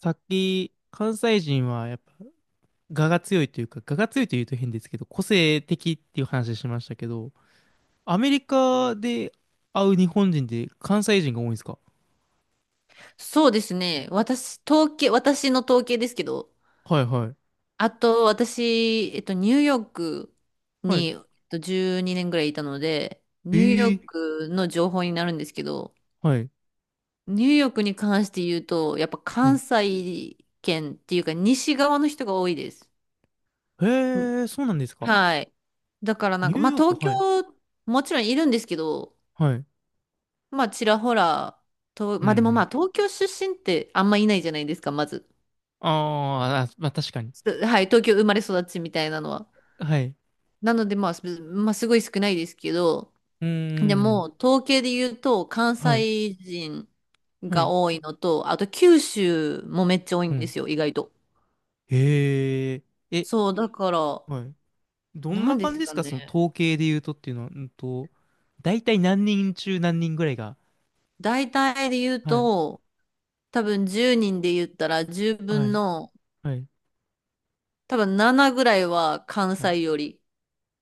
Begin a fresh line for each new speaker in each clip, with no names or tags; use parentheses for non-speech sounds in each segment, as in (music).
さっき、関西人はやっぱ、我が強いというか、我が強いというと変ですけど、個性的っていう話しましたけど、アメリカで会う日本人で関西人が多いんですか？
そうですね。私の統計ですけど、
はいはい。
あと私、ニューヨーク
はい。
に、12年ぐらいいたので、
え
ニューヨー
ー、
クの情報になるんですけど、
はい。
ニューヨークに関して言うと、やっぱ
は
関
い。
西圏っていうか、西側の人が多いです。
へ
ん
えー、そうなんですか。
はい。だからなん
ニュ
か、
ー
まあ
ヨーク、
東京、
はい。
もちろんいるんですけど、
はい。
まあちらほら、
うんう
まあでもま
ん。
あ東京出身ってあんまいないじゃないですか、まず。
あーあ、まあ確かに。
はい、東京生まれ育ちみたいなのは。
はい。
なので、まあ、すごい少ないですけど、
うー
で
ん。
も、統計で言うと、関
はい。
西人
は
が
い。
多いのと、あと九州もめっちゃ多い
う
んで
ん。
すよ、意外と。
へえ。え、
そう、だから、
はい。どん
な
な
んで
感じ
す
です
か
かその
ね。
統計で言うとっていうのは、大体何人中何人ぐらいが。
大体で言う
はい、
と、多分10人で言ったら10
は
分
い、
の、
はい、
多分7ぐらいは関
はい。
西より。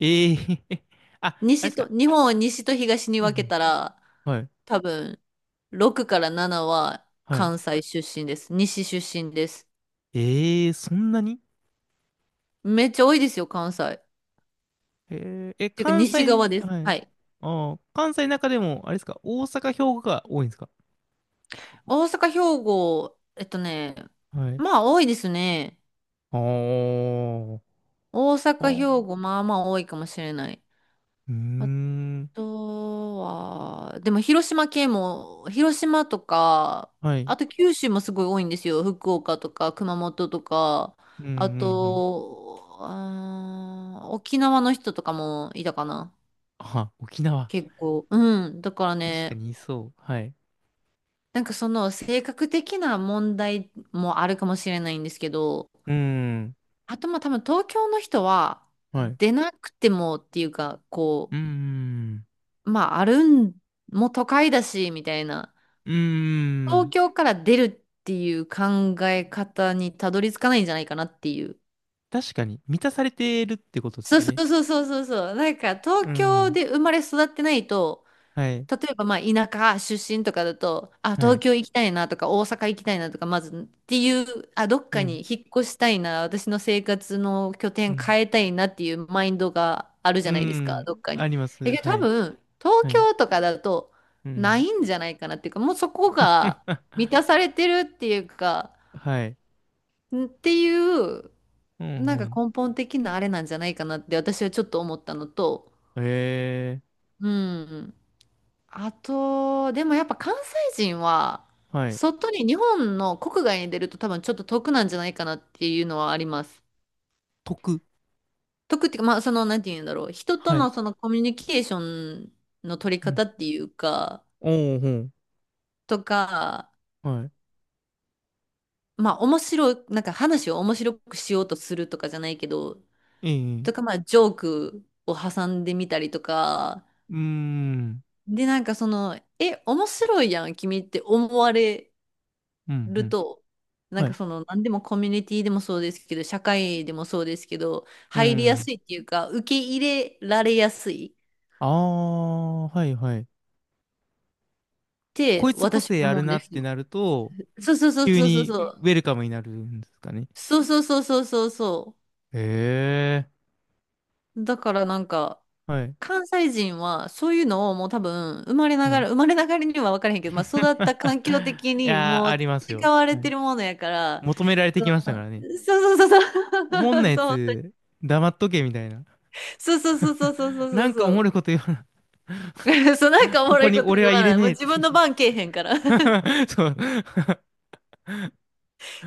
ええ (laughs) あ、あれで
西
す
と、
か。
日本を西と東に
うんう
分け
ん、
たら、
はい、
多分、6から7は
はい。
関西出身です。西出身です。
ええそんなに
めっちゃ多いですよ、関西。っ
ええ、
ていうか、
関西、
西側です。
は
は
い。
い。
ああ、関西の中でも、あれですか、大阪、兵庫が多いんですか？
大阪、兵庫、えっとね、
はい。
まあ多いですね。
あー
大
あ
阪、兵
ー、
庫、まあまあ多いかもしれない。
うーん、
あとは、でも広島県も、広島とか、
はい。
あと九州もすごい多いんですよ。福岡とか熊本とか、
うん、うん、う
あ
ん。
と、沖縄の人とかもいたかな。
あ、沖縄。
結構。うん。だから
確か
ね、
にいそう。はい。
なんかその性格的な問題もあるかもしれないんですけど、
うーん、
あとまあ多分東京の人は
はい。
出なくてもっていうか、こ
うーん。
う、まああるん、もう都会だし、みたいな。
うー
東
ん。
京から出るっていう考え方にたどり着かないんじゃないかなっていう。
確かに、満たされてるってことです
そう
よ
そ
ね。
うそうそうそうそう。なんか
う
東京
ん。
で生まれ育ってないと、
はい。
例えばまあ田舎出身とかだと、あ、
は
東
い。
京行きたいなとか大阪行きたいなとか、まずっていう、あ、どっ
う
かに
ん。
引っ越したいな、私の生活の拠
う
点
ん。
変えたいなっていうマインドがあるじ
う
ゃないですか、どっ
ん。
か
あ
に。
りま
え、
す。
けど
は
多
い。
分、東
はい。
京とかだと
う
な
ん。
いんじゃないかなっていうか、もうそこが
(laughs)
満たされてるっていうか、
はい。
んっていう、
う
なんか
ん、
根本的なあれなんじゃないかなって私はちょっと思ったのと、
うん。ええ
うん。あと、でもやっぱ関西人は、
はい。
外に日本の国外に出ると多分ちょっと得なんじゃないかなっていうのはあります。
得。
得っていうか、まあその、なんて言うんだろう。人と
はい。
のそのコミュニケーションの取り
うん。
方っていうか、
おー、
とか、
ほん。はい。
まあ面白い、なんか話を面白くしようとするとかじゃないけど、
え
とか
え
まあジョークを挟んでみたりとか、
うーん。
で、なんかその、え、面白いやん、君って思われ
うん、う
る
ん。
と、なん
は
か
い。
その、何でもコミュニティでもそうですけど、社会でもそうですけど、
う
入りや
ん。
すいっていうか、受け入れられやすいっ
ああ、はい、はい。
て
こいつ個
私
性あ
思
る
うん
な
で
っ
す
て
よ。
なると、
そうそうそう
急
そうそう
に
そ
ウ
う。
ェルカムになるんですかね。
そうそうそうそうそうそ
ええ
う。だからなんか、
はい、
関西人はそういうのをもう多分、
はい。
生
(laughs) い
まれながらには分からへんけど、まあ育った環境的に
やー、
も
あ
う
りますよ。
培われ
は
て
い。
るものやから、
求められてきましたからね。
そうそうそう
おもん
そ
な
う。(laughs)
や
そう
つ、黙っとけみたいな。
そうそうそうそう
(laughs)
そうそう
な
そう
んかお
そ
もろ
う。
いこと言わな。
(laughs) そうなんかお
こ
もろ
こ
い
に
こと
俺
言
は
わ
入れ
ない。
ね
もう
えって
自分の番けえへんから (laughs) っ
(laughs) そう。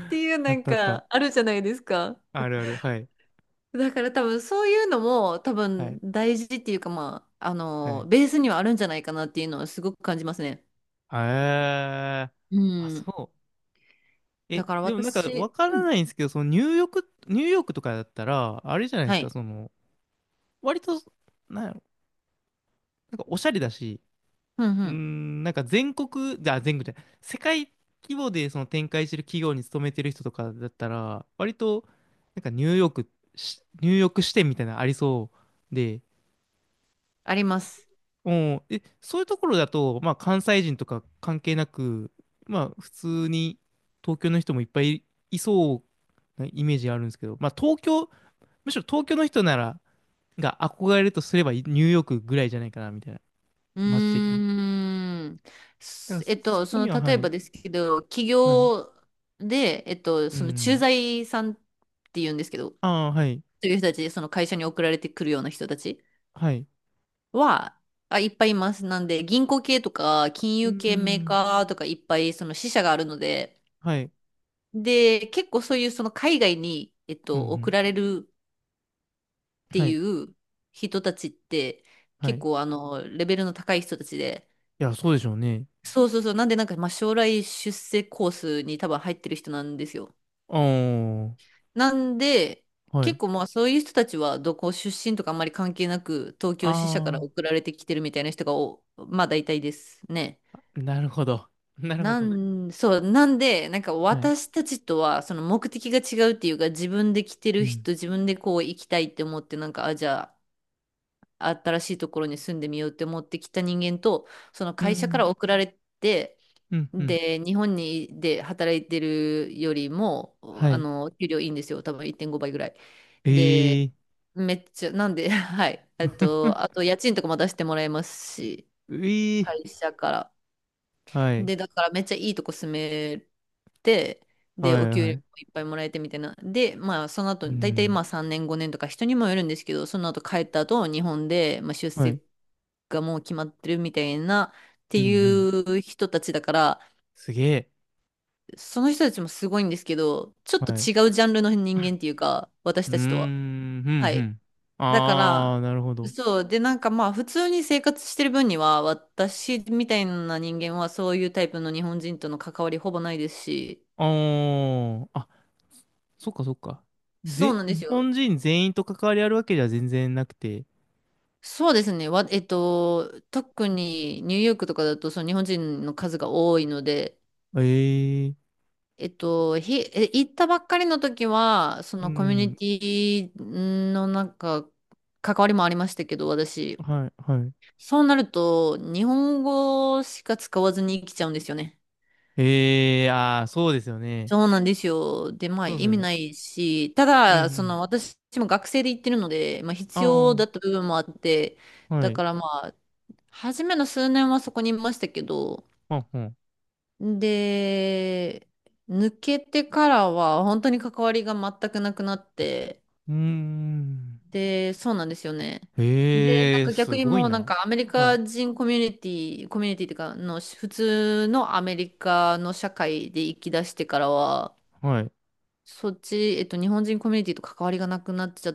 ていうな
あっ
ん
たあった。
かあるじゃないですか。
あるある。はい。
だから多分そういうのも多
は
分
い。
大事っていうかまあ、あ
は
の、
い。
ベースにはあるんじゃないかなっていうのはすごく感じますね。
あー。
う
あ、
ん。
そう。
だ
え、
から
でもなんかわ
私、
か
う
ら
ん。
ないんですけど、そのニューヨークとかだったら、あれじゃないで
は
すか、
い。
その、割と、なんやろ、なんかおしゃれだし、
うんう
うー
ん。
ん、なんか全国じゃない、世界規模でその展開してる企業に勤めてる人とかだったら、割と、なんかニューヨーク支店みたいなのありそうで、
あります。
うん、え、そういうところだと、まあ関西人とか関係なく、まあ普通に東京の人もいっぱいいそうなイメージあるんですけど、まあ東京、むしろ東京の人なら、が憧れるとすればニューヨークぐらいじゃないかな、みたいな、
う
街的に。
ーん。
だから
えっ
そ
と、そ
こ
の
には、
例
は
え
い、
ばですけど、企
はい、
業で、
う
その駐
ん。
在さんって言うんですけど、そ
ああ、はい。
ういう人たち、その会社に送られてくるような人たち
はい。
は、あ、いっぱいいます。なんで、銀行系とか、金
うー
融系メー
ん。
カーとか、いっぱいその支社があるので、
はい。
で、結構そういうその海外に、
うん、う
送
ん。
られるって
は
い
い。
う人たちって、
はい。
結
い
構あの、レベルの高い人たちで、
や、そうでしょうね。
そうそうそう、なんでなんか、まあ、将来出世コースに多分入ってる人なんですよ。
ああ、
なんで、
は
結
い。
構まあそういう人たちはどこ出身とかあんまり関係なく、東京支社から送
あ
られてきてるみたいな人が、まあ大体ですね。
あ、なるほど。(laughs) なるほど。
そう、なんで、なんか
はい。
私たちとはその目的が違うっていうか、自分で来て
う
る
ん。
人、自分でこう行きたいって思って、なんか、あ、じゃあ、新しいところに住んでみようって思ってきた人間と、その
う
会社か
ん。
ら送られて、
うん、うん。
で、日本にで働いてるよりも、
は
あ
い。
の、給料いいんですよ。多分1.5倍ぐらい。
ええ
で、
ー。
めっちゃ、なんで、(laughs) はい。あ
(laughs)
と家賃とかも出してもらえますし、
うえー。
会社から。
はい。
で、だからめっちゃいいとこ住めて、で、
は
お
い、
給
は
料
い。
もいっぱいもらえてみたいな。で、まあ、その
う
後、大体
ん。
まあ3年、5年とか人にもよるんですけど、その後帰った後、日本で、まあ、出
はい。
世がもう決まってるみたいな、って
うん、う
い
ん。
う人たちだから、
すげえ。
その人たちもすごいんですけど、ちょっと
はい。う
違うジャンルの人間っていうか、私
ーん、う
たちとは。
ん、
は
う
い。
ん。
だか
ああ、
ら、
なるほど。
そう。で、なんかまあ、普通に生活してる分には、私みたいな人間はそういうタイプの日本人との関わりほぼないですし、
ああ、あ、そっかそっか。
そう
ぜ、
なんで
日
すよ。
本人全員と関わりあるわけじゃ全然なくて。
そうですね。わ、えっと、特にニューヨークとかだと、その日本人の数が多いので、
ええ
行ったばっかりの時は、そ
う
のコミュニ
ん。
ティのなんか、関わりもありましたけど、私。
はい、はい。
そうなると、日本語しか使わずに生きちゃうんですよね。
ええああー、そうですよね。
そうなんですよ。で、まあ
そうです
意
よ
味
ね。
ないし、た
うん、う
だ、そ
ん。
の私も学生で行ってるので、まあ必要
あ
だった部分もあって、
あ、は
だ
い。
からまあ、初めの数年はそこにいましたけど、
はんはん。
で、抜けてからは本当に関わりが全くなくなって、
うーん。
で、そうなんですよね。で、なん
ええ
か逆
す
に
ごい
もうなん
な。
かアメリ
はい、
カ人コミュニティっていうかの、普通のアメリカの社会で生き出してからは、
はい。
そっち、日本人コミュニティと関わりがなくなっちゃっ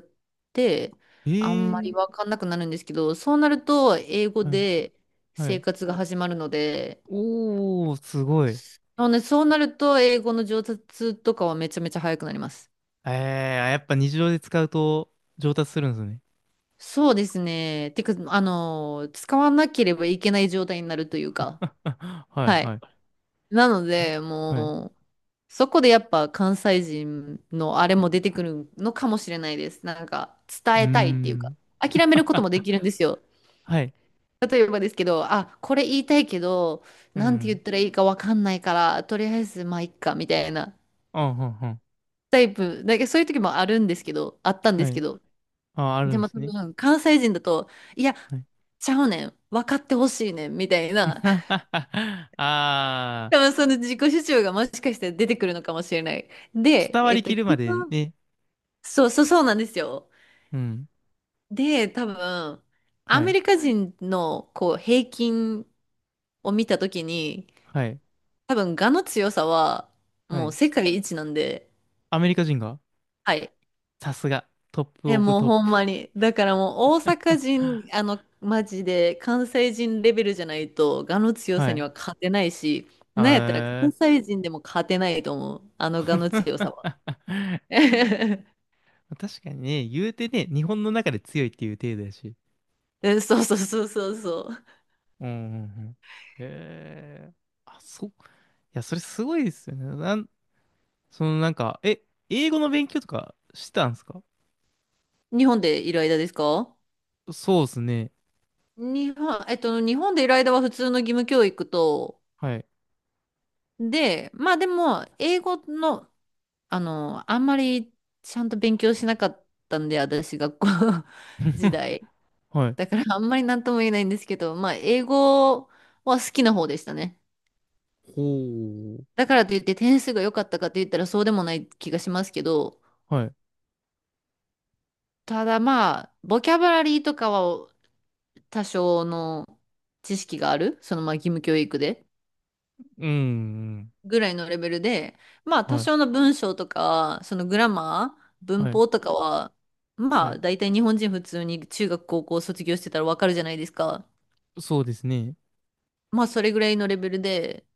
て、あんまり
え
わ
え
かんなくなるんですけど、そうなると、英語
はい、
で
は
生
い。
活が始まるので、
おー、すごい。
そうね、そうなると、英語の上達とかはめちゃめちゃ早くなります。
ええやっぱ日常で使うと上達するんですね。
そうですね。てか、あの、使わなければいけない状態になるというか、
(laughs) は
は
い、は
い。
い。
なの
ん
で、
はい。
もう、そこでやっぱ関西人のあれも出てくるのかもしれないです。なんか、伝
うー
えたいっていうか、
ん。
諦めることもで
(laughs)
きるんですよ。
はい。
例えばですけど、あ、これ言いたいけど、
う
なんて言っ
ん。
たらいいかわかんないから、とりあえずまあいっか、みたいな
うん、うん、うん。
タイプ、そういう時もあるんですけど、あったんで
は
すけ
い。
ど、
あ、あるん
で
で
も
す
多
ね。
分関西人だと、いや、
はい。
ちゃうねん、分かってほしいねん、みたいな、
(laughs) ああ、
多分その自己主張がもしかしたら出てくるのかもしれない。で、
伝わりきるま
基
で
本
ね。
そうそうそうなんですよ。
うん。
で、多分、ア
は
メ
い。
リカ人のこう平均を見た時に、
はい。
多分、我の強さは、
は
もう
い。
世界一なんで、
アメリカ人が
はい。
さすが。トップ
え、
オブ
もう
トッ
ほん
プ。
まに。だからもう大阪人、マジで関西人レベルじゃないと、我の強
は
さに
い。
は勝てないし、なんやったら関
あー
西人でも勝てないと思う。あの我の強さは。(laughs)
(laughs) 確かにね、言うてね、日本の中で強いっていう程度やし。
えそうそうそうそうそ
うん、うん、うん。へえ。あ、そう。いや、それすごいですよね。なんそのなんか、え、英語の勉強とかしてたんですか？
う。日本でいる間ですか？
そうですね。
日本、日本でいる間は普通の義務教育と、
はい。
で、まあでも、英語の、あんまりちゃんと勉強しなかったんで、私、学校 (laughs) 時
(laughs)
代。
はい。
だから、あんまりなんとも言えないんですけど、まあ、英語は好きな方でしたね。
ほう。
だからといって点数が良かったかと言ったらそうでもない気がしますけど、
はい。
ただまあ、ボキャブラリーとかは多少の知識がある、そのまあ義務教育で。
うん。
ぐらいのレベルで、まあ多
はい。
少の文章とか、そのグラマー、文
はい。
法とかは、ま
は
あ
い。
大体日本人普通に中学高校卒業してたらわかるじゃないですか。
そうですね。
まあそれぐらいのレベルで、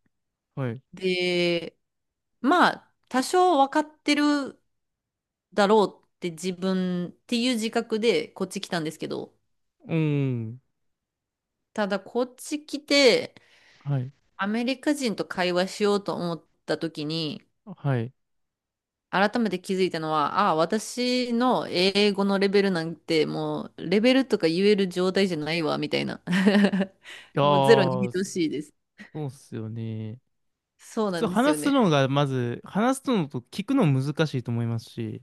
はい。
で、まあ多少わかってるだろうって自分っていう自覚でこっち来たんですけど、
うん。
ただこっち来て
はい。
アメリカ人と会話しようと思った時に、
はい。い
改めて気づいたのは、ああ、私の英語のレベルなんて、もう、レベルとか言える状態じゃないわ、みたいな。(laughs)
や
もうゼロに
ー、そ
等しいです。
うっすよね。
そう
普
な
通
んですよ
話すの
ね。
が、まず、話すのと聞くの難しいと思いますし、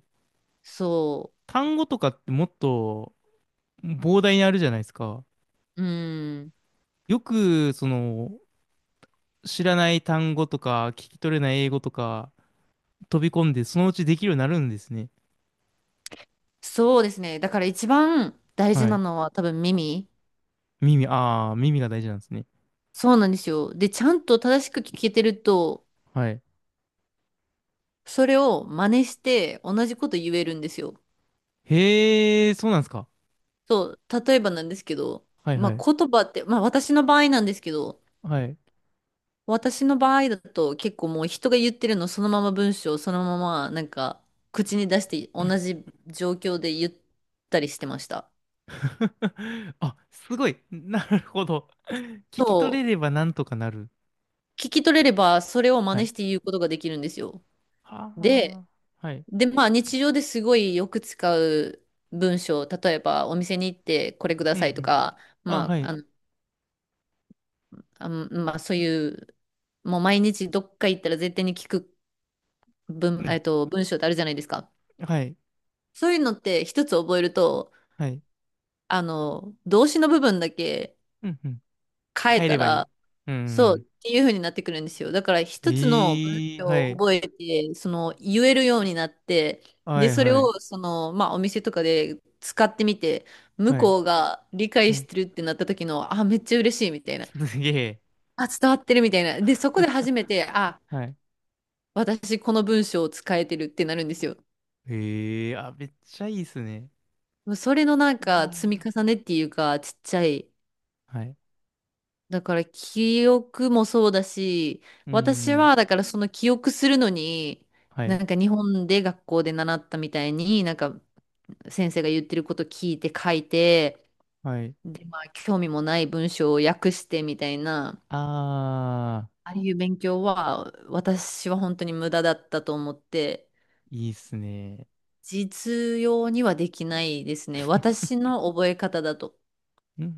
そ
単語とかってもっと膨大にあるじゃないですか。
う。うん。
よく、その、知らない単語とか、聞き取れない英語とか、飛び込んで、そのうちできるようになるんですね。
そうですね。だから一番大事
は
な
い。
のは多分耳。
耳、ああ、耳が大事なんですね。
そうなんですよ。で、ちゃんと正しく聞けてると、
はい。
それを真似して同じこと言えるんですよ。
へえ、そうなんですか。
そう。例えばなんですけど、
はい
ま
はい。
あ言葉って、まあ私の場合なんですけど、
はい。
私の場合だと結構もう人が言ってるのそのまま文章をそのまま口に出して同じ状況で言ったりしてました。
(laughs) あ、すごい。なるほど。聞
そ
き取れ
う。
ればなんとかなる。
聞き取れればそれを真
は
似
い。
して言うことができるんですよ。
は
で、
あ、はい。
で、まあ日常ですごいよく使う文章、例えばお店に行ってこれくだ
うんう
さいと
ん。
か、
あ、
ま
は
あ、
い。
あの、まあそういう、もう毎日どっか行ったら絶対に聞く
う
文、
ん。
文章ってあるじゃないですか。
はい。
そういうのって一つ覚えると、
はい。
動詞の部分だけ
うんうん。
変え
帰
た
ればいい。
ら、
う
そうっ
ん。
ていう風になってくるんですよ。だから一つの文
ええ、
章
は
を
い。
覚えて、その言えるようになって、
は
で、
い
それ
はい。
をその、まあお店とかで使ってみて、向
はい。
こうが理解
は
し
い。
てるってなった時の、あ、めっちゃ嬉しいみたいな。
すげえ。
あ、伝わってるみたいな。で、そこで初めて、あ、
はい。
私この文章を使えてるってなるんですよ。
ええ、あ、めっちゃいいっすね。
それの
いや
積み
ー
重ねっていうか、ちっちゃい
はい。
だから記憶もそうだし、
う
私
ん。
はだからその記憶するのに、
はい。
日本で学校で習ったみたいに、先生が言ってること聞いて書いて、
はい。
で、まあ興味もない文章を訳してみたいな、
ああ、
ああいう勉強は私は本当に無駄だったと思って、
いいっすね。
実用にはできないですね。私の覚え方だと。
うん。